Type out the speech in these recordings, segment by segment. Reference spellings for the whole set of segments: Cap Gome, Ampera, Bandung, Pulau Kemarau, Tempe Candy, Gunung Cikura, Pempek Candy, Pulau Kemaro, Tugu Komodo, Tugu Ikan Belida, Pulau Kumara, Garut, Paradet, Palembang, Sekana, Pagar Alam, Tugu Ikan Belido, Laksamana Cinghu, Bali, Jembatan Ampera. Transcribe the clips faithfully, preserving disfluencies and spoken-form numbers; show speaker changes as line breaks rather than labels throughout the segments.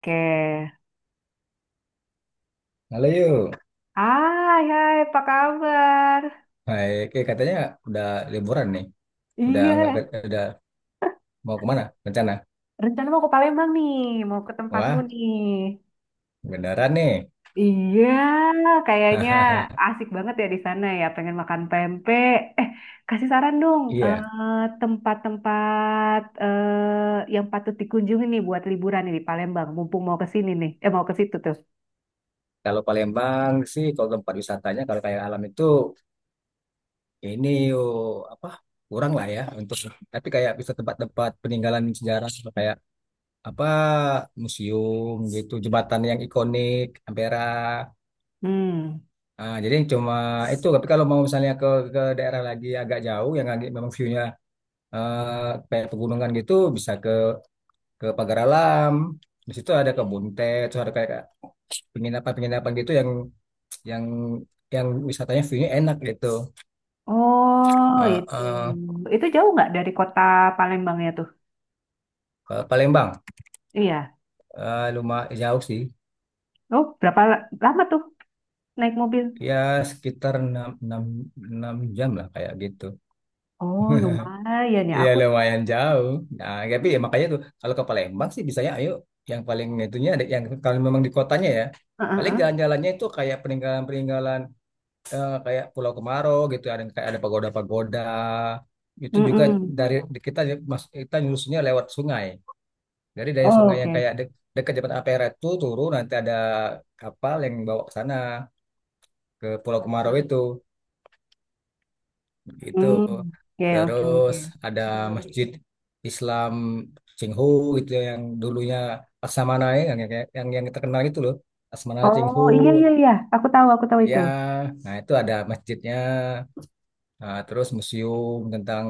Oke.
Halo yuk.
Hai, hai, apa kabar?
Hai, oke, katanya udah liburan nih. Udah nggak
Iya,
ke- udah mau kemana rencana?
rencana mau ke Palembang nih, mau ke tempatmu
Wah,
nih.
beneran nih.
Iya, kayaknya asik banget ya di sana ya, pengen makan pempek. Eh, kasih saran dong,
Iya,
eh, tempat-tempat eh, yang patut dikunjungi nih buat liburan nih di Palembang, mumpung mau ke sini nih, eh mau ke situ tuh.
kalau Palembang sih, kalau tempat wisatanya kalau kayak alam itu, ini yuk, apa, kurang lah ya untuk, tapi kayak bisa tempat-tempat peninggalan sejarah, kayak apa, museum gitu, jembatan yang ikonik, Ampera.
Hmm.
Ah, jadi cuma itu, tapi kalau mau misalnya ke ke daerah lagi agak jauh yang agak memang view-nya, eh, kayak pegunungan gitu bisa ke ke pagar alam, di situ ada kebun teh terus ada kayak penginapan penginapan gitu yang yang yang wisatanya view-nya enak gitu.
Oh,
Eh,
itu.
eh,
Itu jauh nggak dari kota Palembangnya tuh?
ke Palembang,
Iya.
eh, lumayan jauh sih.
Oh, berapa la- lama tuh? Naik mobil.
Ya sekitar enam enam enam jam lah kayak gitu.
Oh, lumayan ya.
Iya,
Aku
lumayan jauh. Nah, tapi ya makanya tuh kalau ke Palembang sih bisanya ayo, yang paling itunya ada yang kalau memang di kotanya ya,
heeh,
paling
heeh.
jalan-jalannya itu kayak peninggalan-peninggalan, eh, kayak Pulau Kemaro gitu, ada kayak ada pagoda-pagoda itu juga,
Mm-mm.
dari kita mas kita nyusunnya lewat sungai, dari dari
Oh,
sungai yang
oke.
kayak de- dekat Jembatan Ampera itu turun, nanti ada kapal yang bawa ke sana, ke Pulau Kemarau itu itu
Mm. Oke, oke, oke.
Terus ada masjid Islam Cinghu gitu, yang dulunya Laksamana ya, yang yang yang, yang terkenal itu loh, Laksamana Cinghu.
Oh, iya iya iya. Aku tahu, aku tahu
Ya,
itu.
nah itu ada masjidnya. Nah, terus museum tentang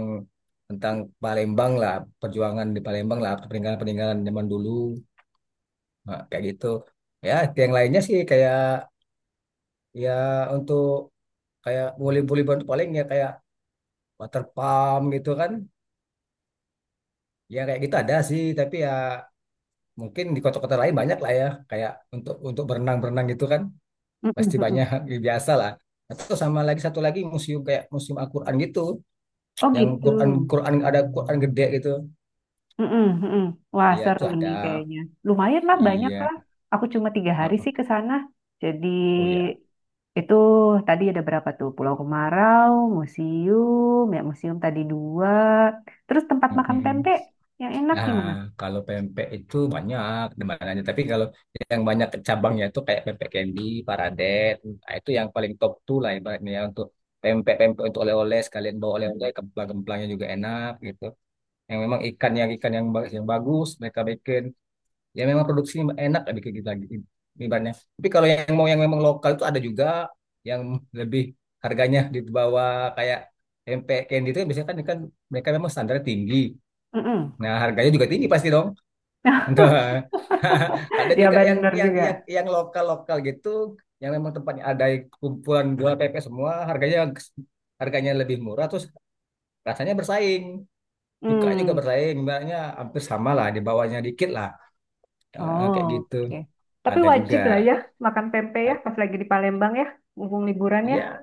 tentang Palembang lah, perjuangan di Palembang lah, peninggalan-peninggalan zaman dulu. Nah, kayak gitu. Ya, yang lainnya sih kayak, ya, untuk kayak boleh-boleh bantu paling ya kayak water pump gitu kan. Ya kayak gitu ada sih, tapi ya mungkin di kota-kota lain banyak lah ya, kayak untuk untuk berenang-berenang gitu kan.
Mm-mm,
Pasti
mm-mm.
banyak ya, biasa lah. Atau sama lagi satu lagi museum, kayak museum Al-Qur'an gitu,
Oh,
yang
gitu.
Quran Quran ada Quran gede gitu.
Mm-mm, mm-mm. Wah,
Iya, itu
seru
ada.
nih kayaknya. Lumayan lah, banyak
Iya,
lah. Aku cuma tiga hari
oh
sih
oh
ke sana. Jadi
oh ya.
itu tadi ada berapa tuh? Pulau Kemarau, museum, ya museum tadi dua. Terus tempat makan
Mm-mm.
pempek yang enak di
Nah,
mana?
kalau pempek itu banyak demandannya. Tapi kalau yang banyak cabangnya itu kayak pempek candy, Paradet, nah, itu yang paling top tuh lah ibaratnya ya, untuk pempek-pempek untuk oleh-oleh sekalian bawa oleh-oleh, kemplang-kemplangnya juga enak gitu. Yang memang ikan, yang ikan, yang ba- yang bagus mereka bikin. Ya memang produksi enak, ada kayak gitu lagi ibaratnya, tapi kalau yang mau yang memang lokal itu ada juga, yang lebih harganya di bawah, kayak tempe candy itu kan biasanya kan, kan mereka memang standar tinggi.
Mm-mm.
Nah harganya juga tinggi pasti dong. Entah. Ada
Ya
juga yang
bener
yang
juga.
yang yang lokal lokal gitu, yang memang tempatnya ada kumpulan jual pepes semua, harganya harganya lebih murah, terus rasanya bersaing. Suka juga
Hmm,
bersaing misalnya hampir sama lah, di bawahnya dikit lah. Eh,
oh,
kayak gitu
oke. Tapi
ada juga.
wajib lah ya makan pempek ya pas lagi di Palembang ya, mumpung liburan ya.
Ya,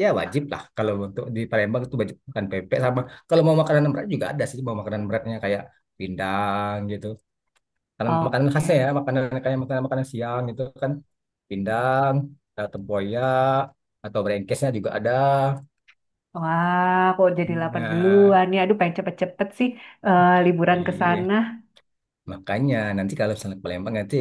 ya wajib lah, kalau untuk di Palembang itu wajib makan pempek, sama kalau mau makanan berat juga ada sih, mau makanan beratnya kayak pindang gitu. Karena makanan khasnya
Oke.
ya, makanan kayak makanan makanan siang gitu kan, pindang, atau tempoyak atau brengkesnya juga ada.
Wah, kok jadi lapar
Nah,
duluan ya. Aduh, pengen cepet-cepet sih eh, liburan ke
iya.
sana.
Makanya nanti kalau misalnya ke Palembang nanti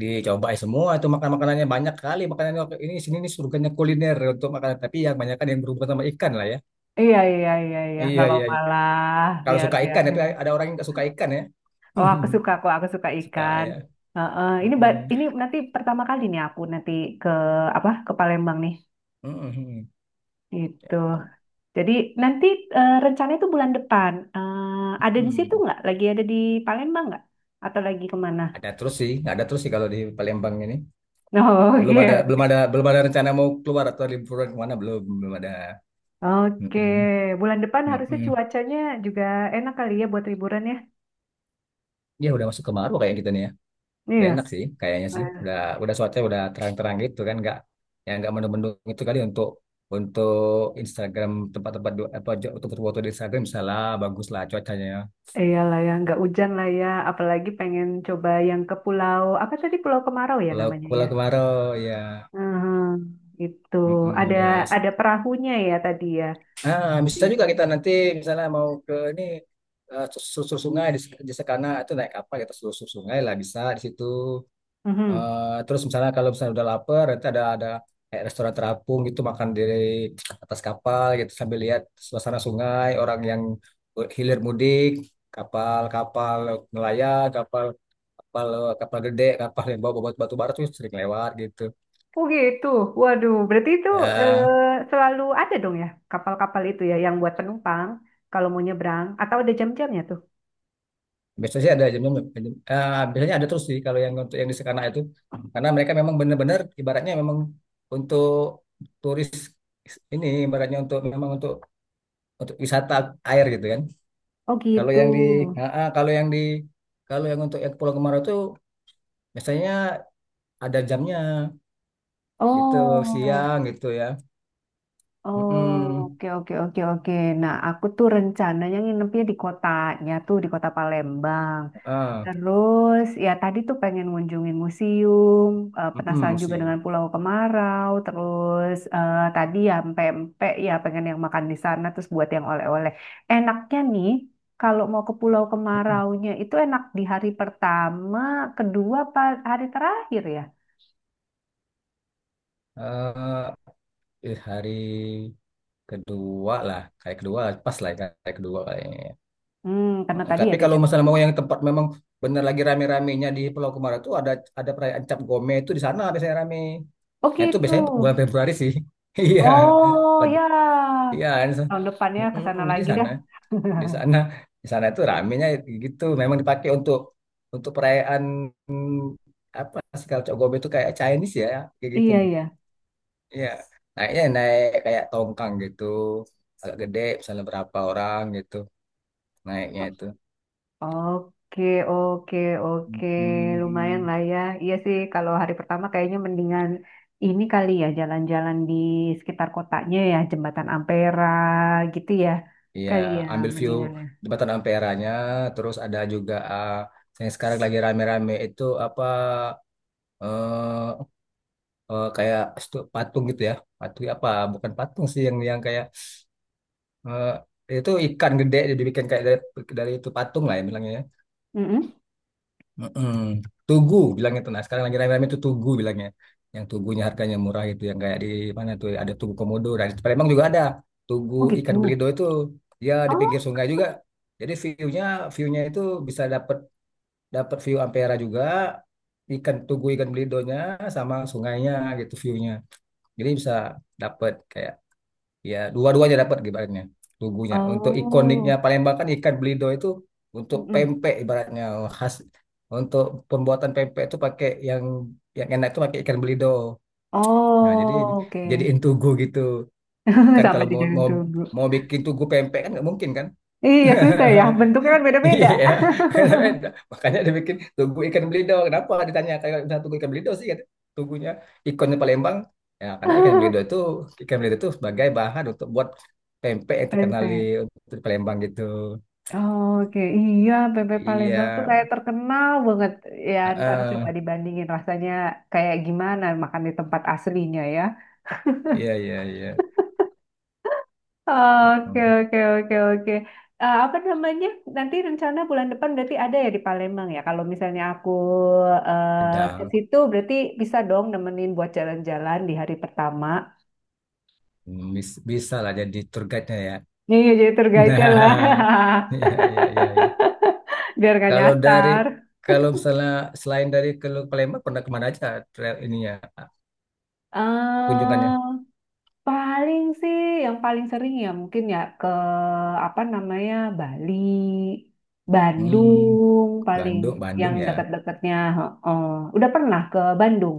dicobain semua itu, makan makanannya banyak kali, makanannya ini sini, ini surganya kuliner untuk makanan, tapi yang banyak kan yang berhubungan sama ikan lah ya.
Iya, iya, iya, iya. Nggak
Iya, iya,
apa-apa
iya.
lah.
Kalau
Biar,
suka
biar.
ikan, tapi ada orang yang nggak suka ikan ya.
Oh, aku suka kok. Aku suka
Suka
ikan.
ya.
Heeh. Ini, ba-
Mm-mm.
ini nanti pertama kali nih aku nanti ke apa ke Palembang nih.
Mm-mm.
Gitu.
Ya.
Jadi nanti eh, rencana itu bulan depan. Eh, ada di situ
Hmm.
nggak? Lagi ada di Palembang nggak? Atau lagi kemana?
Ada terus sih, nggak ada terus sih kalau di Palembang ini. Belum ada,
Oke,
belum ada, belum ada rencana mau keluar atau liburan kemana, belum, belum ada.
oke.
Mm-mm.
Bulan depan harusnya
Mm-mm.
cuacanya juga enak kali ya buat liburan ya.
Ya udah masuk kemarau kayak kita nih ya. Udah
Iya.
enak sih, kayaknya sih.
Eh,
Udah, udah cuaca udah terang-terang gitu kan, nggak, ya nggak mendung-mendung itu kali, untuk untuk Instagram, tempat-tempat du- apa, untuk foto-foto di Instagram bisa lah, bagus lah cuacanya.
iyalah ya, nggak hujan lah ya. Apalagi pengen coba yang ke pulau apa tadi Pulau Kemarau ya
Kalau
namanya
kalau
ya.
kemarau ya.
Mhm, itu
Mm-mm,
ada
ya sih.
ada perahunya ya tadi ya.
Ah, bisa
Iya.
juga kita nanti misalnya mau ke ini, eh, susur sungai di, di Sekana itu, naik kapal kita susur sungai lah bisa di situ.
Mhm.
Eh, terus misalnya, kalau misalnya udah lapar, nanti ada ada kayak restoran terapung gitu, makan di atas kapal gitu sambil lihat suasana sungai, orang yang hilir mudik, kapal-kapal nelayan, kapal kapal kapal gede, kapal yang bawa batu batu bara tuh sering lewat gitu.
Oh gitu. Waduh, berarti itu eh,
Ya,
selalu ada dong ya kapal-kapal itu ya yang buat penumpang kalau mau nyebrang atau ada jam-jamnya tuh.
biasanya sih ada jamnya, jam- eh, biasanya ada terus sih kalau yang untuk yang di Sekana itu, karena mereka memang benar-benar ibaratnya memang untuk turis ini, ibaratnya untuk memang untuk untuk wisata air gitu kan.
Oh
Kalau
gitu.
yang di, ah, ah, kalau yang di, kalau yang untuk yang ke Pulau Kemarau itu biasanya ada jamnya gitu,
Oh,
siang gitu ya.
oh,
Mm-mm.
oke oke oke oke. Nah, aku tuh rencananya nginepnya di kotanya tuh di kota Palembang.
Ah,
Terus ya tadi tuh pengen ngunjungin museum, eh,
mm-mm,
penasaran juga
sih.
dengan Pulau Kemarau, terus eh, tadi ya pempek ya pengen yang makan di sana terus buat yang oleh-oleh. Enaknya nih kalau mau ke Pulau Kemaraunya itu enak di hari pertama, kedua, apa hari terakhir ya.
eh eh, Hari kedua lah, kayak kedua pas lah, kayak kedua kayaknya.
Hmm, karena
Oh,
tadi
tapi
ada
kalau misalnya mau
jam-jamnya.
yang tempat memang bener lagi rame-ramenya di Pulau Kumara itu, ada ada perayaan Cap Gome itu, di sana biasanya rame.
Oh
Nah, itu
gitu.
biasanya bulan Februari sih. Iya.
Oh
Pad-
ya,
Iya.
tahun depannya ke
Mm-mm.
sana
Jadi di
lagi dah.
sana, di sana, di sana itu ramenya gitu. Memang dipakai untuk untuk perayaan, mm, apa sih, kalau Cap Gome itu kayak Chinese ya, kayak gitu.
Iya iya.
Iya. Naiknya naik kayak tongkang gitu, agak gede, misalnya berapa orang gitu naiknya itu.
Oke, oke, oke. Lumayan
Mm-mm.
lah ya. Iya sih, kalau hari pertama kayaknya mendingan ini kali ya, jalan-jalan di sekitar kotanya ya, Jembatan Ampera gitu ya.
Iya,
Kali ya,
ambil view
mendingan ya.
jembatan Ampera-nya, terus ada juga, eh, yang sekarang lagi rame-rame itu apa, eh eh, kayak stu- patung gitu ya, patung ya apa? Bukan patung sih, yang yang kayak, eh, itu ikan gede dibikin kayak dari, dari itu patung lah ya bilangnya, ya.
Mm-mm.
Mm-mm. Tugu bilangnya tuh. Nah, sekarang lagi rame-rame itu Tugu bilangnya. Yang Tugunya harganya murah itu yang kayak di mana tuh ada Tugu Komodo. Nah, di Palembang juga ada Tugu
Oh gitu.
ikan belido itu, ya di pinggir
Oh,
sungai juga. Jadi view-nya view-nya itu bisa dapat dapat view Ampera juga, ikan Tugu ikan belidonya sama sungainya gitu view-nya. Jadi bisa dapat kayak, ya dua-duanya dapat ibaratnya, tubuhnya untuk ikoniknya
oh.
Palembang kan ikan belido itu, untuk
Mm-mm.
pempek ibaratnya, oh, khas untuk pembuatan pempek itu pakai yang yang enak itu pakai ikan belido, nah jadi
Oh, oke.
jadiin tugu gitu kan,
Sampai
kalau
di
mau
jalan
mau
tunggu.
mau bikin tugu pempek kan nggak mungkin kan.
Iya, susah ya. Bentuknya kan beda-beda.
Iya, makanya dia bikin tugu ikan belido. Kenapa ditanya kayak misalnya tugu ikan belido sih? Kata, Tugunya ikonnya Palembang. Ya, karena ikan belido itu ikan belido itu sebagai bahan untuk buat pempek yang terkenal di,
Pempek.
untuk di Palembang gitu.
Oke, iya bebek
Iya,
Palembang tuh kayak terkenal banget. Ya, ntar coba
heeh.
dibandingin rasanya kayak gimana makan di tempat aslinya ya.
Iya, iya, iya.
Oke,
Hmm.
oke, oke, oke. Eh, apa namanya? Nanti rencana bulan depan berarti ada ya di Palembang ya. Kalau misalnya aku eh, ke
Pedang.
situ berarti bisa dong nemenin buat jalan-jalan di hari pertama.
Hmm, bis- bisa lah jadi tour guide-nya ya.
Iya, jadi tergaitnya
Nah,
lah.
iya, iya, iya, iya.
Biar gak
Kalau dari,
nyasar.
kalau misalnya selain dari ke Palembang pernah kemana aja trail ininya? Kunjungannya.
Paling sih yang paling sering ya mungkin ya ke apa namanya Bali,
Hmm,
Bandung paling
Bandung,
yang
Bandung ya.
dekat-dekatnya. Heeh. Udah pernah ke Bandung?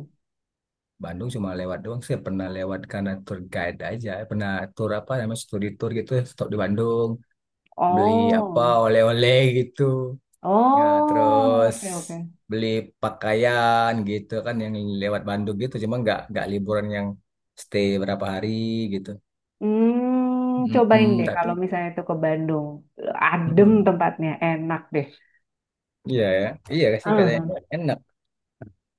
Bandung cuma lewat doang sih. Pernah lewat karena tour guide aja. Pernah tour apa namanya studi tour gitu. Stop di Bandung, beli apa
Oh,
oleh-oleh gitu. Nah,
oh,
terus
oke oke.
beli pakaian gitu kan yang lewat Bandung gitu. Cuma nggak nggak liburan yang stay berapa hari gitu.
Hmm, cobain
Mm-mm,
deh
tapi
kalau misalnya itu ke Bandung, adem
mm-mm.
tempatnya, enak deh.
Iya ya, iya sih katanya
Heeh.
enak.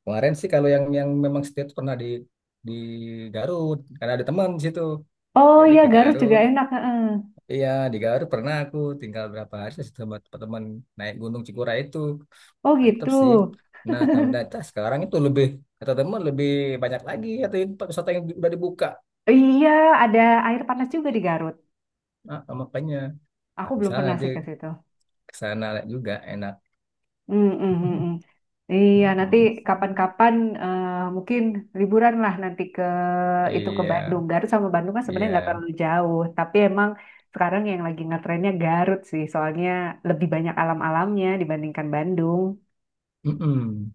Kemarin sih kalau yang yang memang stay tuh pernah di di Garut karena ada teman di situ.
Oh
Jadi
iya
ke
Garut juga
Garut,
enak. Heeh.
iya di Garut pernah aku tinggal berapa hari sama teman-teman naik Gunung Cikura itu,
Oh
mantep
gitu.
sih. Nah, ternyata sekarang itu lebih, kata teman, lebih banyak lagi atau tempat wisata yang udah dibuka.
Iya ada air panas juga di Garut.
Nah, makanya nah,
Aku belum
misalnya
pernah
nanti
sih ke situ.
ke sana juga enak.
Hmm, hmm, hmm, hmm. Iya, nanti
Mm-mm.
kapan-kapan eh, mungkin liburan lah nanti ke itu ke
Iya,
Bandung. Garut sama Bandung kan sebenarnya nggak
iya,
terlalu jauh, tapi emang sekarang yang lagi ngetrennya Garut sih, soalnya lebih banyak alam-alamnya dibandingkan Bandung.
mm-mm,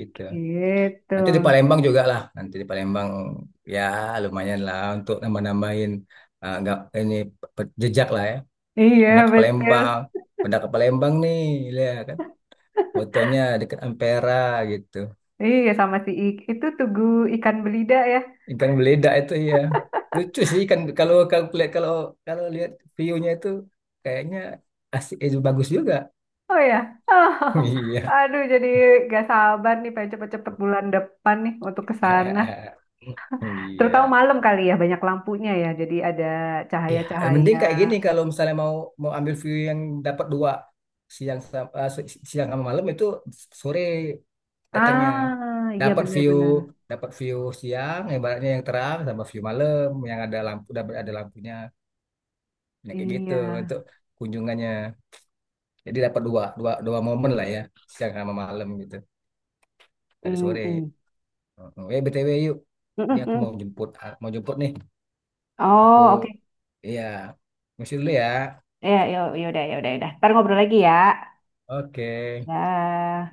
gitu.
Gitu.
Nanti di Palembang juga lah, nanti di Palembang ya lumayan lah untuk nambah-nambahin, eh, nggak ini, pe- jejak lah ya, pernah
Iya,
ke
betul.
Palembang, pernah ke Palembang nih, lihat kan fotonya dekat Ampera gitu,
Iya, sama si I- itu Tugu Ikan Belida ya.
ikan beledak itu ya. Lucu sih kan, kalau kalau lihat, kalau kalau lihat view-nya itu kayaknya asik, eh, bagus juga.
Oh ya.
Iya.
Aduh, jadi gak sabar nih pengen cepet-cepet bulan depan nih untuk ke sana. Terutama
Iya.
malam kali ya, banyak lampunya ya. Jadi ada
Ya,
cahaya-cahaya.
mending kayak gini kalau misalnya mau mau ambil view yang dapat dua, siang sam- eh, si- si, siang sama malam itu, sore datangnya,
Ah, iya
dapat view
benar-benar.
dapat view siang ibaratnya yang terang sama view malam yang ada lampu, dapat ada lampunya. Nah, kayak gitu
Iya.
untuk kunjungannya, jadi dapat dua dua dua momen lah ya, siang sama malam gitu, dari sore.
Mm-mm.
Heeh. eh B T W yuk, ini aku mau
Mm-mm.
jemput, ah, mau jemput nih, aku,
Oh, oke.
iya mesti dulu ya.
Ya, ya, ya udah, ya udah, ya udah. Ntar ngobrol lagi ya.
Oke.
Dah.